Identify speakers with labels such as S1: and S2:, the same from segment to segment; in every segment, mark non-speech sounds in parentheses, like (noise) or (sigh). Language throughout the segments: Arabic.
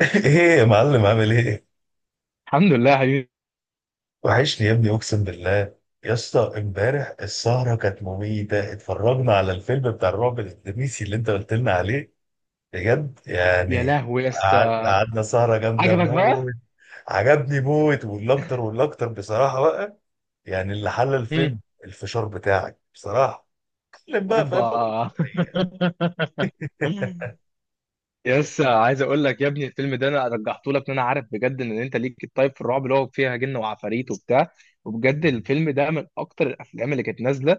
S1: ايه يا معلم عامل ايه؟
S2: الحمد لله يا حبيبي.
S1: وحشني يا ابني اقسم بالله. يا اسطى امبارح السهرة كانت مميتة، اتفرجنا على الفيلم بتاع الرعب الاندونيسي اللي انت قلت لنا عليه بجد
S2: يا
S1: يعني.
S2: لهوي يا اسطى.
S1: قعدنا سهرة جامدة
S2: عجبك بقى.
S1: موت. عجبني موت، والاكتر والاكتر بصراحة بقى. يعني اللي حل
S2: مم.
S1: الفيلم الفشار بتاعك بصراحة. اتكلم بقى، فاهم،
S2: اوبا.
S1: بقول لك الحقيقة.
S2: (laughs) يس، عايز اقول لك يا ابني الفيلم ده انا رجحته لك ان انا عارف بجد ان انت ليك الطيب في الرعب اللي هو فيها جن وعفاريت وبتاع. وبجد
S1: (laughs)
S2: الفيلم ده من اكتر الافلام اللي كانت نازله.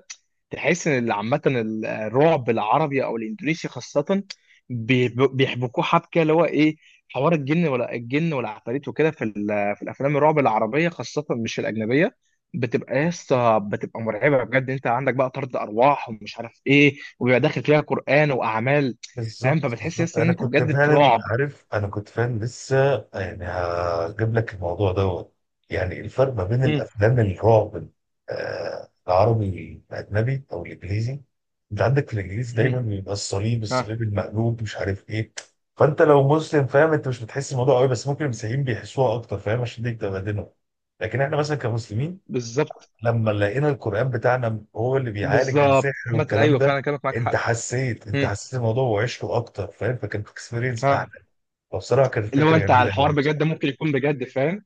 S2: تحس ان عامه الرعب العربي او الاندونيسي خاصه، بيحبكوه حبكه اللي هو ايه، حوار الجن ولا الجن والعفاريت وكده في الافلام الرعب العربيه خاصه، مش الاجنبيه. بتبقى يسطا، بتبقى مرعبه بجد. انت عندك بقى طرد ارواح ومش عارف ايه وبيبقى داخل فيها قران واعمال. فاهم؟
S1: بالظبط
S2: فبتحس
S1: بالظبط،
S2: يس ان
S1: انا
S2: انت
S1: كنت
S2: بجد في
S1: فعلا
S2: رعب.
S1: عارف، انا كنت فعلا لسه. يعني هجيب لك الموضوع دوت. يعني الفرق ما بين
S2: مم.
S1: الافلام الرعب، العربي الاجنبي او الانجليزي. انت عندك في الانجليزي
S2: مم.
S1: دايما بيبقى الصليب،
S2: ها.
S1: الصليب المقلوب، مش عارف ايه. فانت لو مسلم فاهم، انت مش بتحس الموضوع قوي، بس ممكن المسيحيين بيحسوها اكتر فاهم، عشان دي بتبقى دينهم. لكن احنا مثلا كمسلمين
S2: بالظبط
S1: لما لقينا القرآن بتاعنا هو اللي بيعالج
S2: بالظبط.
S1: السحر
S2: عامة
S1: والكلام
S2: ايوه
S1: ده.
S2: فعلا كلامك معاك
S1: انت
S2: حق.
S1: حسيت، انت
S2: مم.
S1: حسيت الموضوع وعشته اكتر فاهم، فكانت اكسبيرينس اعلى.
S2: ها.
S1: فبصراحه كانت
S2: اللي هو
S1: فكره
S2: انت على
S1: جميله
S2: الحوار
S1: قوي
S2: بجد
S1: بصراحه.
S2: ممكن يكون بجد فاهم.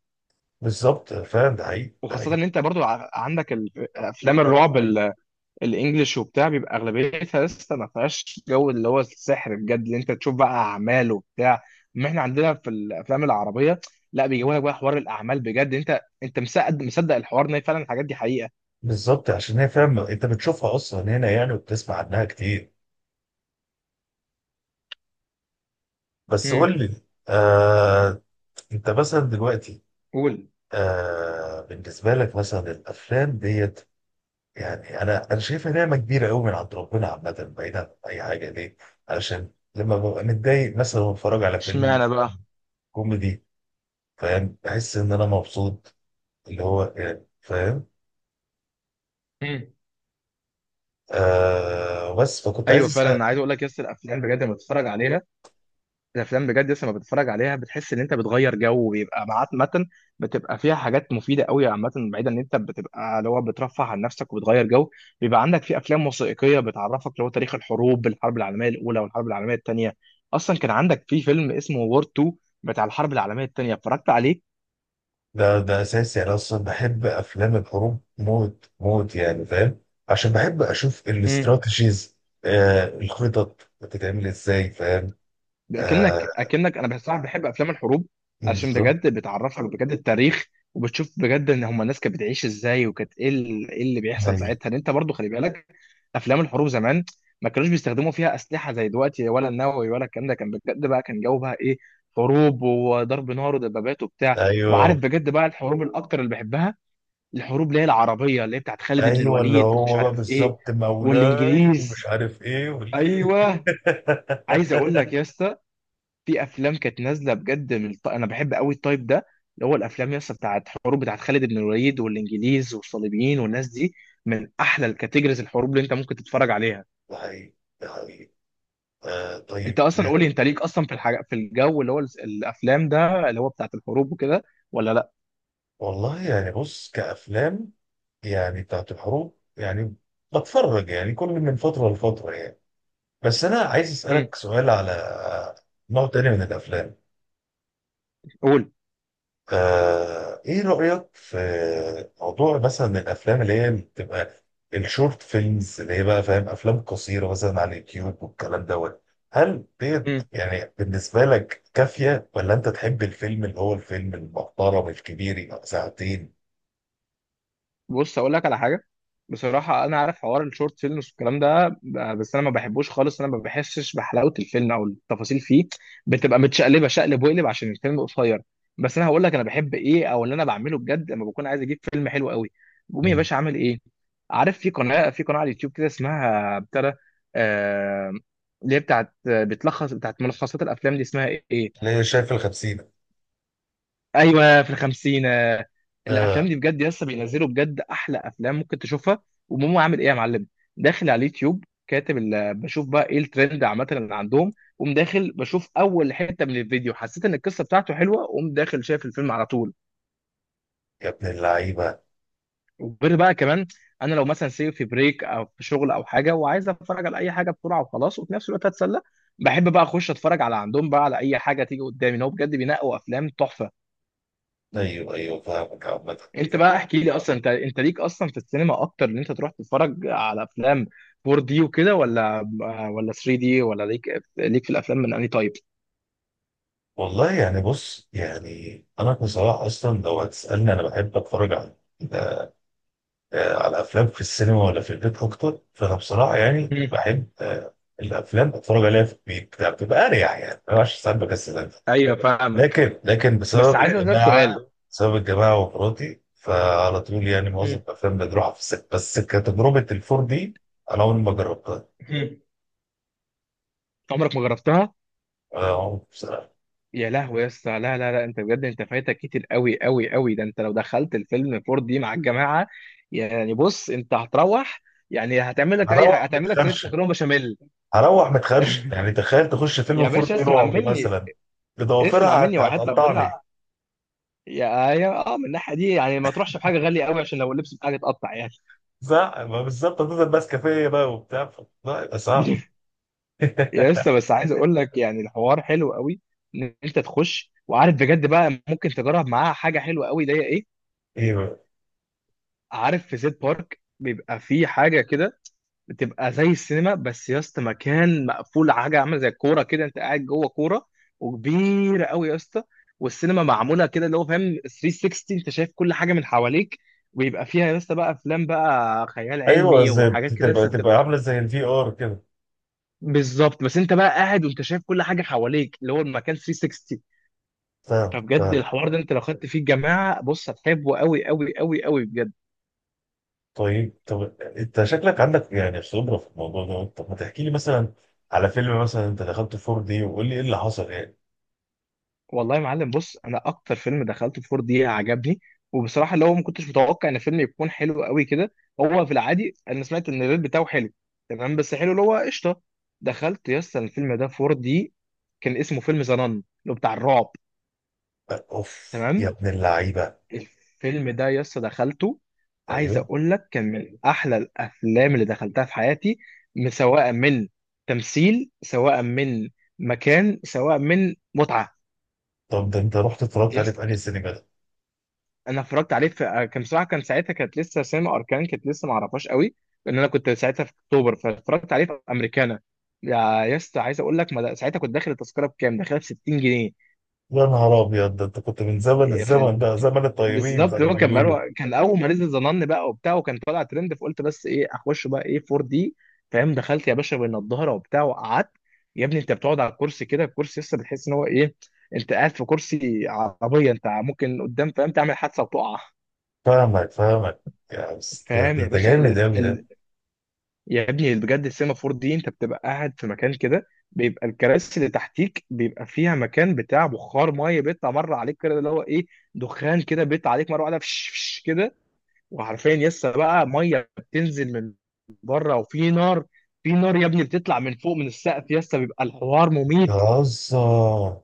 S1: بالظبط فاهم، ده حقيقي، ده
S2: وخاصة
S1: حقيقي.
S2: ان انت برضو عندك افلام الرعب الانجليش وبتاع بيبقى اغلبيتها لسه ما فيهاش جو اللي هو السحر بجد اللي انت تشوف بقى اعمال وبتاع. ما احنا عندنا في الافلام العربية لا، بيجيبوا لك بقى حوار الاعمال بجد. انت مصدق مصدق الحوار ان فعلا الحاجات دي حقيقة.
S1: بالظبط عشان هي فاهم انت بتشوفها اصلا هنا يعني وبتسمع عنها كتير. بس
S2: مم.
S1: قول لي. آه، انت مثلا دلوقتي.
S2: قول.
S1: بالنسبه لك مثلا الافلام ديت، يعني انا شايفها نعمه كبيره قوي من عند ربنا عامه بعيدا عن اي حاجه، ليه؟ علشان لما ببقى متضايق مثلا واتفرج على فيلم
S2: اشمعنى بقى؟
S1: مثلا كوميدي فاهم، بحس ان انا مبسوط، اللي هو يعني فاهم. آه بس فكنت عايز
S2: ايوه فعلا
S1: اسال.
S2: انا عايز اقول لك يس، الافلام بجد لما بتتفرج عليها، الافلام بجد يس لما بتتفرج عليها بتحس ان انت بتغير جو ويبقى معاك متن. بتبقى فيها حاجات مفيده قوي عامه، بعيدا ان انت بتبقى اللي هو بترفه عن نفسك وبتغير جو. بيبقى عندك في افلام وثائقيه بتعرفك اللي هو تاريخ الحروب، الحرب العالميه الاولى والحرب العالميه الثانيه. اصلا كان عندك في فيلم اسمه وور 2 بتاع الحرب العالميه الثانيه اتفرجت عليه.
S1: ده ده اساسي، انا اصلا بحب افلام الحروب موت موت يعني فاهم. عشان بحب اشوف الاستراتيجيز، الخطط بتتعمل ازاي فاهم. آه،
S2: اكنك انا بصراحه بحب افلام الحروب عشان
S1: بالظبط.
S2: بجد بتعرفك بجد التاريخ، وبتشوف بجد ان هم الناس كانت بتعيش ازاي وكانت ايه إيه اللي بيحصل
S1: ايوه
S2: ساعتها. ان انت برضو خلي بالك، افلام الحروب زمان ما كانوش بيستخدموا فيها اسلحه زي دلوقتي، ولا النووي ولا الكلام ده. كان بجد بقى كان جو بقى ايه، حروب وضرب نار ودبابات وبتاع.
S1: ايوه،
S2: وعارف بجد بقى الحروب الاكتر اللي بحبها، الحروب اللي هي العربيه، اللي هي بتاعت خالد بن
S1: ايوه اللي
S2: الوليد ومش
S1: هو بقى
S2: عارف ايه،
S1: بالظبط، مولاي ومش
S2: والانجليز.
S1: عارف ايه وال...
S2: ايوه، عايز اقول
S1: (laughs)
S2: لك يا اسطى، في افلام كانت نازله بجد انا بحب قوي التايب ده، اللي هو الافلام يس بتاعت حروب، بتاعت خالد بن الوليد والانجليز والصليبيين والناس دي. من احلى الكاتيجوريز الحروب اللي انت ممكن تتفرج عليها.
S1: ده حقيقي، ده حقيقي. آه
S2: انت
S1: طيب.
S2: اصلا قولي، انت ليك اصلا في الحاجه، في الجو اللي هو الافلام ده اللي هو بتاعت الحروب وكده ولا لا؟
S1: والله يعني بص، كأفلام يعني بتاعت الحروب يعني بتفرج يعني كل من فترة لفترة يعني. بس أنا عايز
S2: امم
S1: أسألك سؤال على نوع تاني من الأفلام.
S2: قول.
S1: آه، ايه رأيك في موضوع مثلا الافلام اللي هي بتبقى الشورت فيلمز، اللي هي بقى فاهم افلام قصيرة مثلا على اليوتيوب والكلام دوت. هل ديت
S2: امم
S1: يعني بالنسبة لك كافية، ولا انت تحب الفيلم اللي هو الفيلم المحترم الكبير يبقى ساعتين؟
S2: بص اقول لك على حاجه، بصراحه انا عارف حوار الشورت فيلمز والكلام ده، بس انا ما بحبوش خالص. انا ما بحسش بحلاوه الفيلم او التفاصيل فيه، بتبقى متشقلبه شقلب وقلب عشان الفيلم قصير. بس انا هقول لك انا بحب ايه، او اللي انا بعمله بجد لما بكون عايز اجيب فيلم حلو قوي، بقوم يا
S1: مم.
S2: باشا عامل ايه؟ عارف في قناه على اليوتيوب كده اسمها بتاع ده، آه، اللي هي بتاعت بتلخص بتاعت ملخصات الافلام دي، اسمها ايه،
S1: اللي هي شايف الخمسين.
S2: ايوه، في الخمسين، آه، الافلام
S1: اه.
S2: دي بجد لسه بينزلوا بجد احلى افلام ممكن تشوفها. وماما عامل ايه يا معلم، داخل على اليوتيوب كاتب بشوف بقى ايه الترند عامه اللي عندهم، قوم داخل بشوف اول حته من الفيديو، حسيت ان القصه بتاعته حلوه، قوم داخل شايف الفيلم على طول.
S1: يا ابن اللعيبة.
S2: وغير بقى كمان، انا لو مثلا سيب في بريك او في شغل او حاجه وعايز اتفرج على اي حاجه بسرعه وخلاص وفي نفس الوقت اتسلى، بحب بقى اخش اتفرج على عندهم بقى على اي حاجه تيجي قدامي، ان هو بجد بينقوا افلام تحفه.
S1: ايوه ايوه فاهمك عامة.
S2: انت بقى احكي لي، اصلا انت انت ليك اصلا في السينما اكتر، ان انت تروح تتفرج على افلام 4 دي وكده ولا 3 دي، ولا ليك، ليك في الافلام من انهي تايب؟
S1: والله يعني بص، يعني انا بصراحة اصلا لو هتسألني انا بحب اتفرج على، آه، على افلام في السينما ولا في البيت اكتر، فانا بصراحه يعني
S2: مم.
S1: بحب، آه، الافلام اتفرج عليها في البيت، لا، بتبقى اريح يعني، ما بعرفش ساعات بكسل أنزل.
S2: ايوه فاهمك.
S1: لكن
S2: بس
S1: بسبب
S2: عايز اسالك
S1: الجماعه،
S2: سؤال.
S1: بسبب الجماعه ومراتي، فعلى طول يعني معظم
S2: مم.
S1: الافلام بنروحها في السينما. بس كتجربه الفور دي انا عمري ما جربتها.
S2: مم. عمرك ما جربتها؟
S1: أنا عمري بصراحه.
S2: يا لهوي يا اسطى، لا لا لا، انت بجد انت فايتك كتير قوي قوي قوي. ده انت لو دخلت الفيلم 4 دي مع الجماعه، يعني بص انت هتروح، يعني هتعمل لك اي حاجه،
S1: هروح
S2: هتعمل لك صينيه
S1: متخرشم،
S2: مكرونه بشاميل.
S1: هروح متخرشم يعني تخيل تخش فيلم
S2: يا
S1: فور
S2: باشا
S1: دي
S2: اسمع
S1: رعب
S2: مني،
S1: مثلا.
S2: اسمع
S1: بضوافرها
S2: مني وحياة
S1: هتقطعني.
S2: ربنا، يا يا اه من الناحيه دي يعني ما تروحش بحاجه غاليه قوي عشان لو اللبس بتاعك اتقطع يعني.
S1: صح، ما بالظبط هتفضل ماسكه فيا بقى وبتاع، لا يبقى صعب.
S2: (laughs)
S1: (laughs)
S2: يا لسه، بس عايز اقول لك يعني، الحوار حلو قوي، ان انت تخش وعارف بجد بقى ممكن تجرب معاها حاجه حلوه قوي اللي هي ايه،
S1: ايوه
S2: عارف في زيت بارك بيبقى في حاجه كده، بتبقى زي السينما بس يا اسطى مكان مقفول، حاجه عامله زي الكوره كده، انت قاعد جوه كوره، وكبيره قوي يا اسطى. والسينما معموله كده اللي هو فاهم 360، انت شايف كل حاجه من حواليك، ويبقى فيها يا اسطى بقى افلام بقى خيال
S1: ايوه،
S2: علمي
S1: زي
S2: وحاجات كده
S1: تبقى،
S2: لسه
S1: تبقى
S2: بتبقى.
S1: عامله زي الفي ار كده.
S2: بالظبط، بس انت بقى قاعد وانت شايف كل حاجه حواليك، اللي هو المكان 360.
S1: فاهم
S2: فبجد
S1: فاهم.
S2: الحوار ده انت لو خدت فيه الجماعه، بص هتحبه قوي قوي قوي قوي بجد.
S1: طيب. طب انت شكلك عندك يعني خبره في الموضوع ده، طب ما تحكي لي مثلا على فيلم مثلا انت دخلته 4 دي وقول لي ايه اللي حصل يعني.
S2: والله يا معلم بص، انا اكتر فيلم دخلته في 4 دي عجبني، وبصراحه اللي هو ما كنتش متوقع ان الفيلم يكون حلو قوي كده. هو في العادي انا سمعت ان الريت بتاعه حلو، تمام، بس حلو اللي هو قشطه. دخلت يس الفيلم ده في 4 دي، كان اسمه فيلم زنان، اللي هو بتاع الرعب.
S1: اوف يا
S2: تمام.
S1: ابن اللعيبه.
S2: الفيلم ده يس دخلته، عايز
S1: ايوه.
S2: اقول لك كان من احلى الافلام اللي دخلتها في حياتي، سواء من تمثيل، سواء من مكان، سواء من متعه.
S1: طب ده انت رحت اتفرجت عليه
S2: يس،
S1: في انهي سينما ده؟
S2: انا اتفرجت عليه في كان بصراحه، كان ساعتها كانت لسه سينما اركان كانت لسه ما اعرفهاش قوي، لان انا كنت ساعتها في اكتوبر، فاتفرجت عليه في امريكانا. يا، يا اسطى عايز اقول لك ما ده- ساعتها كنت داخل التذكره بكام، داخلها ب 60 جنيه.
S1: يا نهار ابيض، ده انت كنت من زمن،
S2: إيه،
S1: الزمن ده زمن الطيبين زي
S2: بالظبط.
S1: ما
S2: هو كان
S1: بيقولوا.
S2: بقى كان اول ما نزل ظنن بقى وبتاع وكان طالع ترند، فقلت بس ايه اخش بقى ايه 4 دي. فاهم، دخلت يا باشا بين الظهر وبتاع وقعدت. يا ابني انت بتقعد على الكرسي كده، الكرسي لسه بتحس ان هو ايه، انت قاعد في كرسي عربيه، انت ممكن قدام فاهم تعمل حادثه وتقع.
S1: فاهمك فاهمك. يا بس ده،
S2: فاهم
S1: ده
S2: يا
S1: ده
S2: باشا ال
S1: جامد قوي ده.
S2: ال يا ابني بجد السيمافور دي انت بتبقى قاعد في مكان كده، بيبقى الكراسي اللي تحتيك بيبقى فيها مكان بتاع بخار ميه بيطلع مره عليك كده اللي هو ايه، دخان كده بيطلع عليك مره واحده، فش فش كده. وعارفين يسا بقى ميه بتنزل من بره، وفي نار، في نار يا ابني بتطلع من فوق من السقف يسا، بيبقى الحوار مميت.
S1: بتهزر.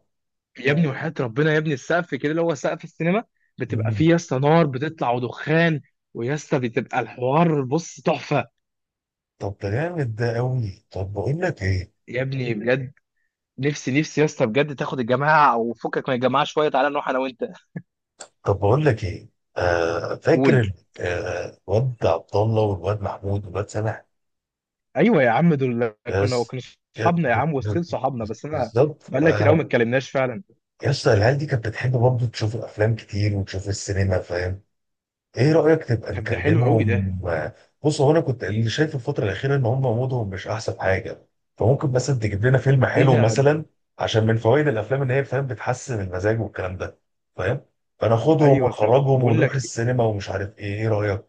S2: يا ابني، يا وحياة ربنا يا ابني، السقف كده اللي هو سقف السينما بتبقى فيه يسا نار بتطلع ودخان، ويسا بتبقى الحوار بص تحفه.
S1: طب ده جامد ده قوي. طب بقول لك ايه،
S2: يا ابني بجد، نفسي نفسي يا اسطى بجد تاخد الجماعه او فكك من الجماعه شويه، تعالى نروح انا وانت.
S1: طب بقول لك ايه. آه فاكر
S2: قول.
S1: ال- آه، الواد عبد الله والواد محمود والواد سامح.
S2: ايوه يا عم، دول كنا
S1: يس.
S2: كنا
S1: يا-
S2: صحابنا يا
S1: ب-
S2: عم وستيل
S1: ب-
S2: صحابنا، بس انا
S1: بالظبط.
S2: بقالنا كتير قوي ما
S1: آه،
S2: اتكلمناش فعلا.
S1: يس العيال دي كانت بتحب برضه تشوف الافلام كتير وتشوف السينما فاهم. ايه رأيك تبقى
S2: طب ده حلو قوي ده.
S1: نكلمهم؟ بص هو انا كنت اللي شايف الفترة الأخيرة ان هم مودهم مش احسن حاجة، فممكن مثلا تجيب لنا فيلم
S2: ايه
S1: حلو
S2: ده.
S1: مثلا، عشان من فوائد الافلام ان هي فاهم بتحسن المزاج والكلام ده فاهم.
S2: (laughs)
S1: فناخدهم
S2: ايوه، طب
S1: ونخرجهم
S2: بقول
S1: ونروح
S2: لك،
S1: السينما ومش عارف ايه، ايه رأيك؟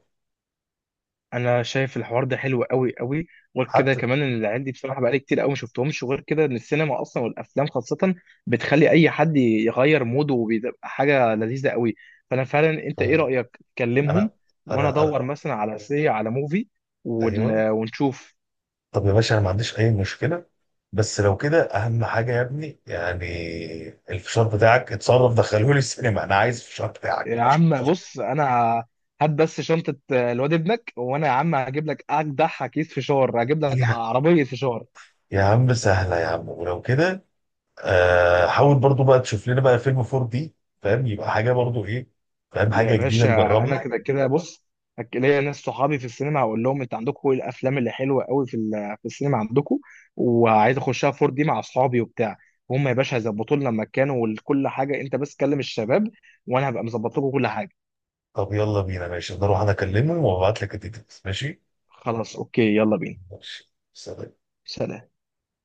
S2: انا شايف الحوار ده حلو قوي قوي، وغير كده
S1: حتى.
S2: كمان ان العيال دي بصراحه بقالي كتير قوي ما شفتهمش، وغير كده ان السينما اصلا والافلام خاصه بتخلي اي حد يغير موده وبيبقى حاجه لذيذه قوي. فانا فعلا، انت ايه
S1: آه،
S2: رايك تكلمهم،
S1: انا
S2: وانا
S1: انا.
S2: ادور مثلا على سي، على موفي ون...
S1: ايوه.
S2: ونشوف
S1: طب يا باشا انا ما عنديش اي مشكلة، بس لو كده اهم حاجة يا ابني يعني الفشار بتاعك اتصرف، دخلهولي السينما، انا عايز الفشار بتاعك.
S2: يا عم بص، انا هات بس شنطه الواد ابنك، وانا يا عم هجيب لك اجدع كيس فشار، هجيب لك عربيه فشار.
S1: يا عم سهلة يا عم، ولو كده. آه حاول برضو بقى تشوف لنا بقى فيلم 4 دي، فاهم، يبقى حاجة برضو، ايه، فاهم،
S2: يا
S1: حاجة جديدة
S2: باشا انا
S1: نجربها.
S2: كده كده بص، ليا ناس صحابي في السينما، هقول لهم انت عندكم ايه الافلام اللي حلوه قوي في السينما عندكم، وعايز اخشها 4 دي مع اصحابي وبتاع. هم يا باشا هيظبطوا لنا المكان وكل حاجه، انت بس كلم الشباب، وانا هبقى مظبط لكم كل حاجه.
S1: طب يلا بينا، ماشي، انا اروح انا اكلمه وابعت لك الديتيلز ماشي.
S2: خلاص اوكي، يلا بينا.
S1: ماشي سلام.
S2: سلام.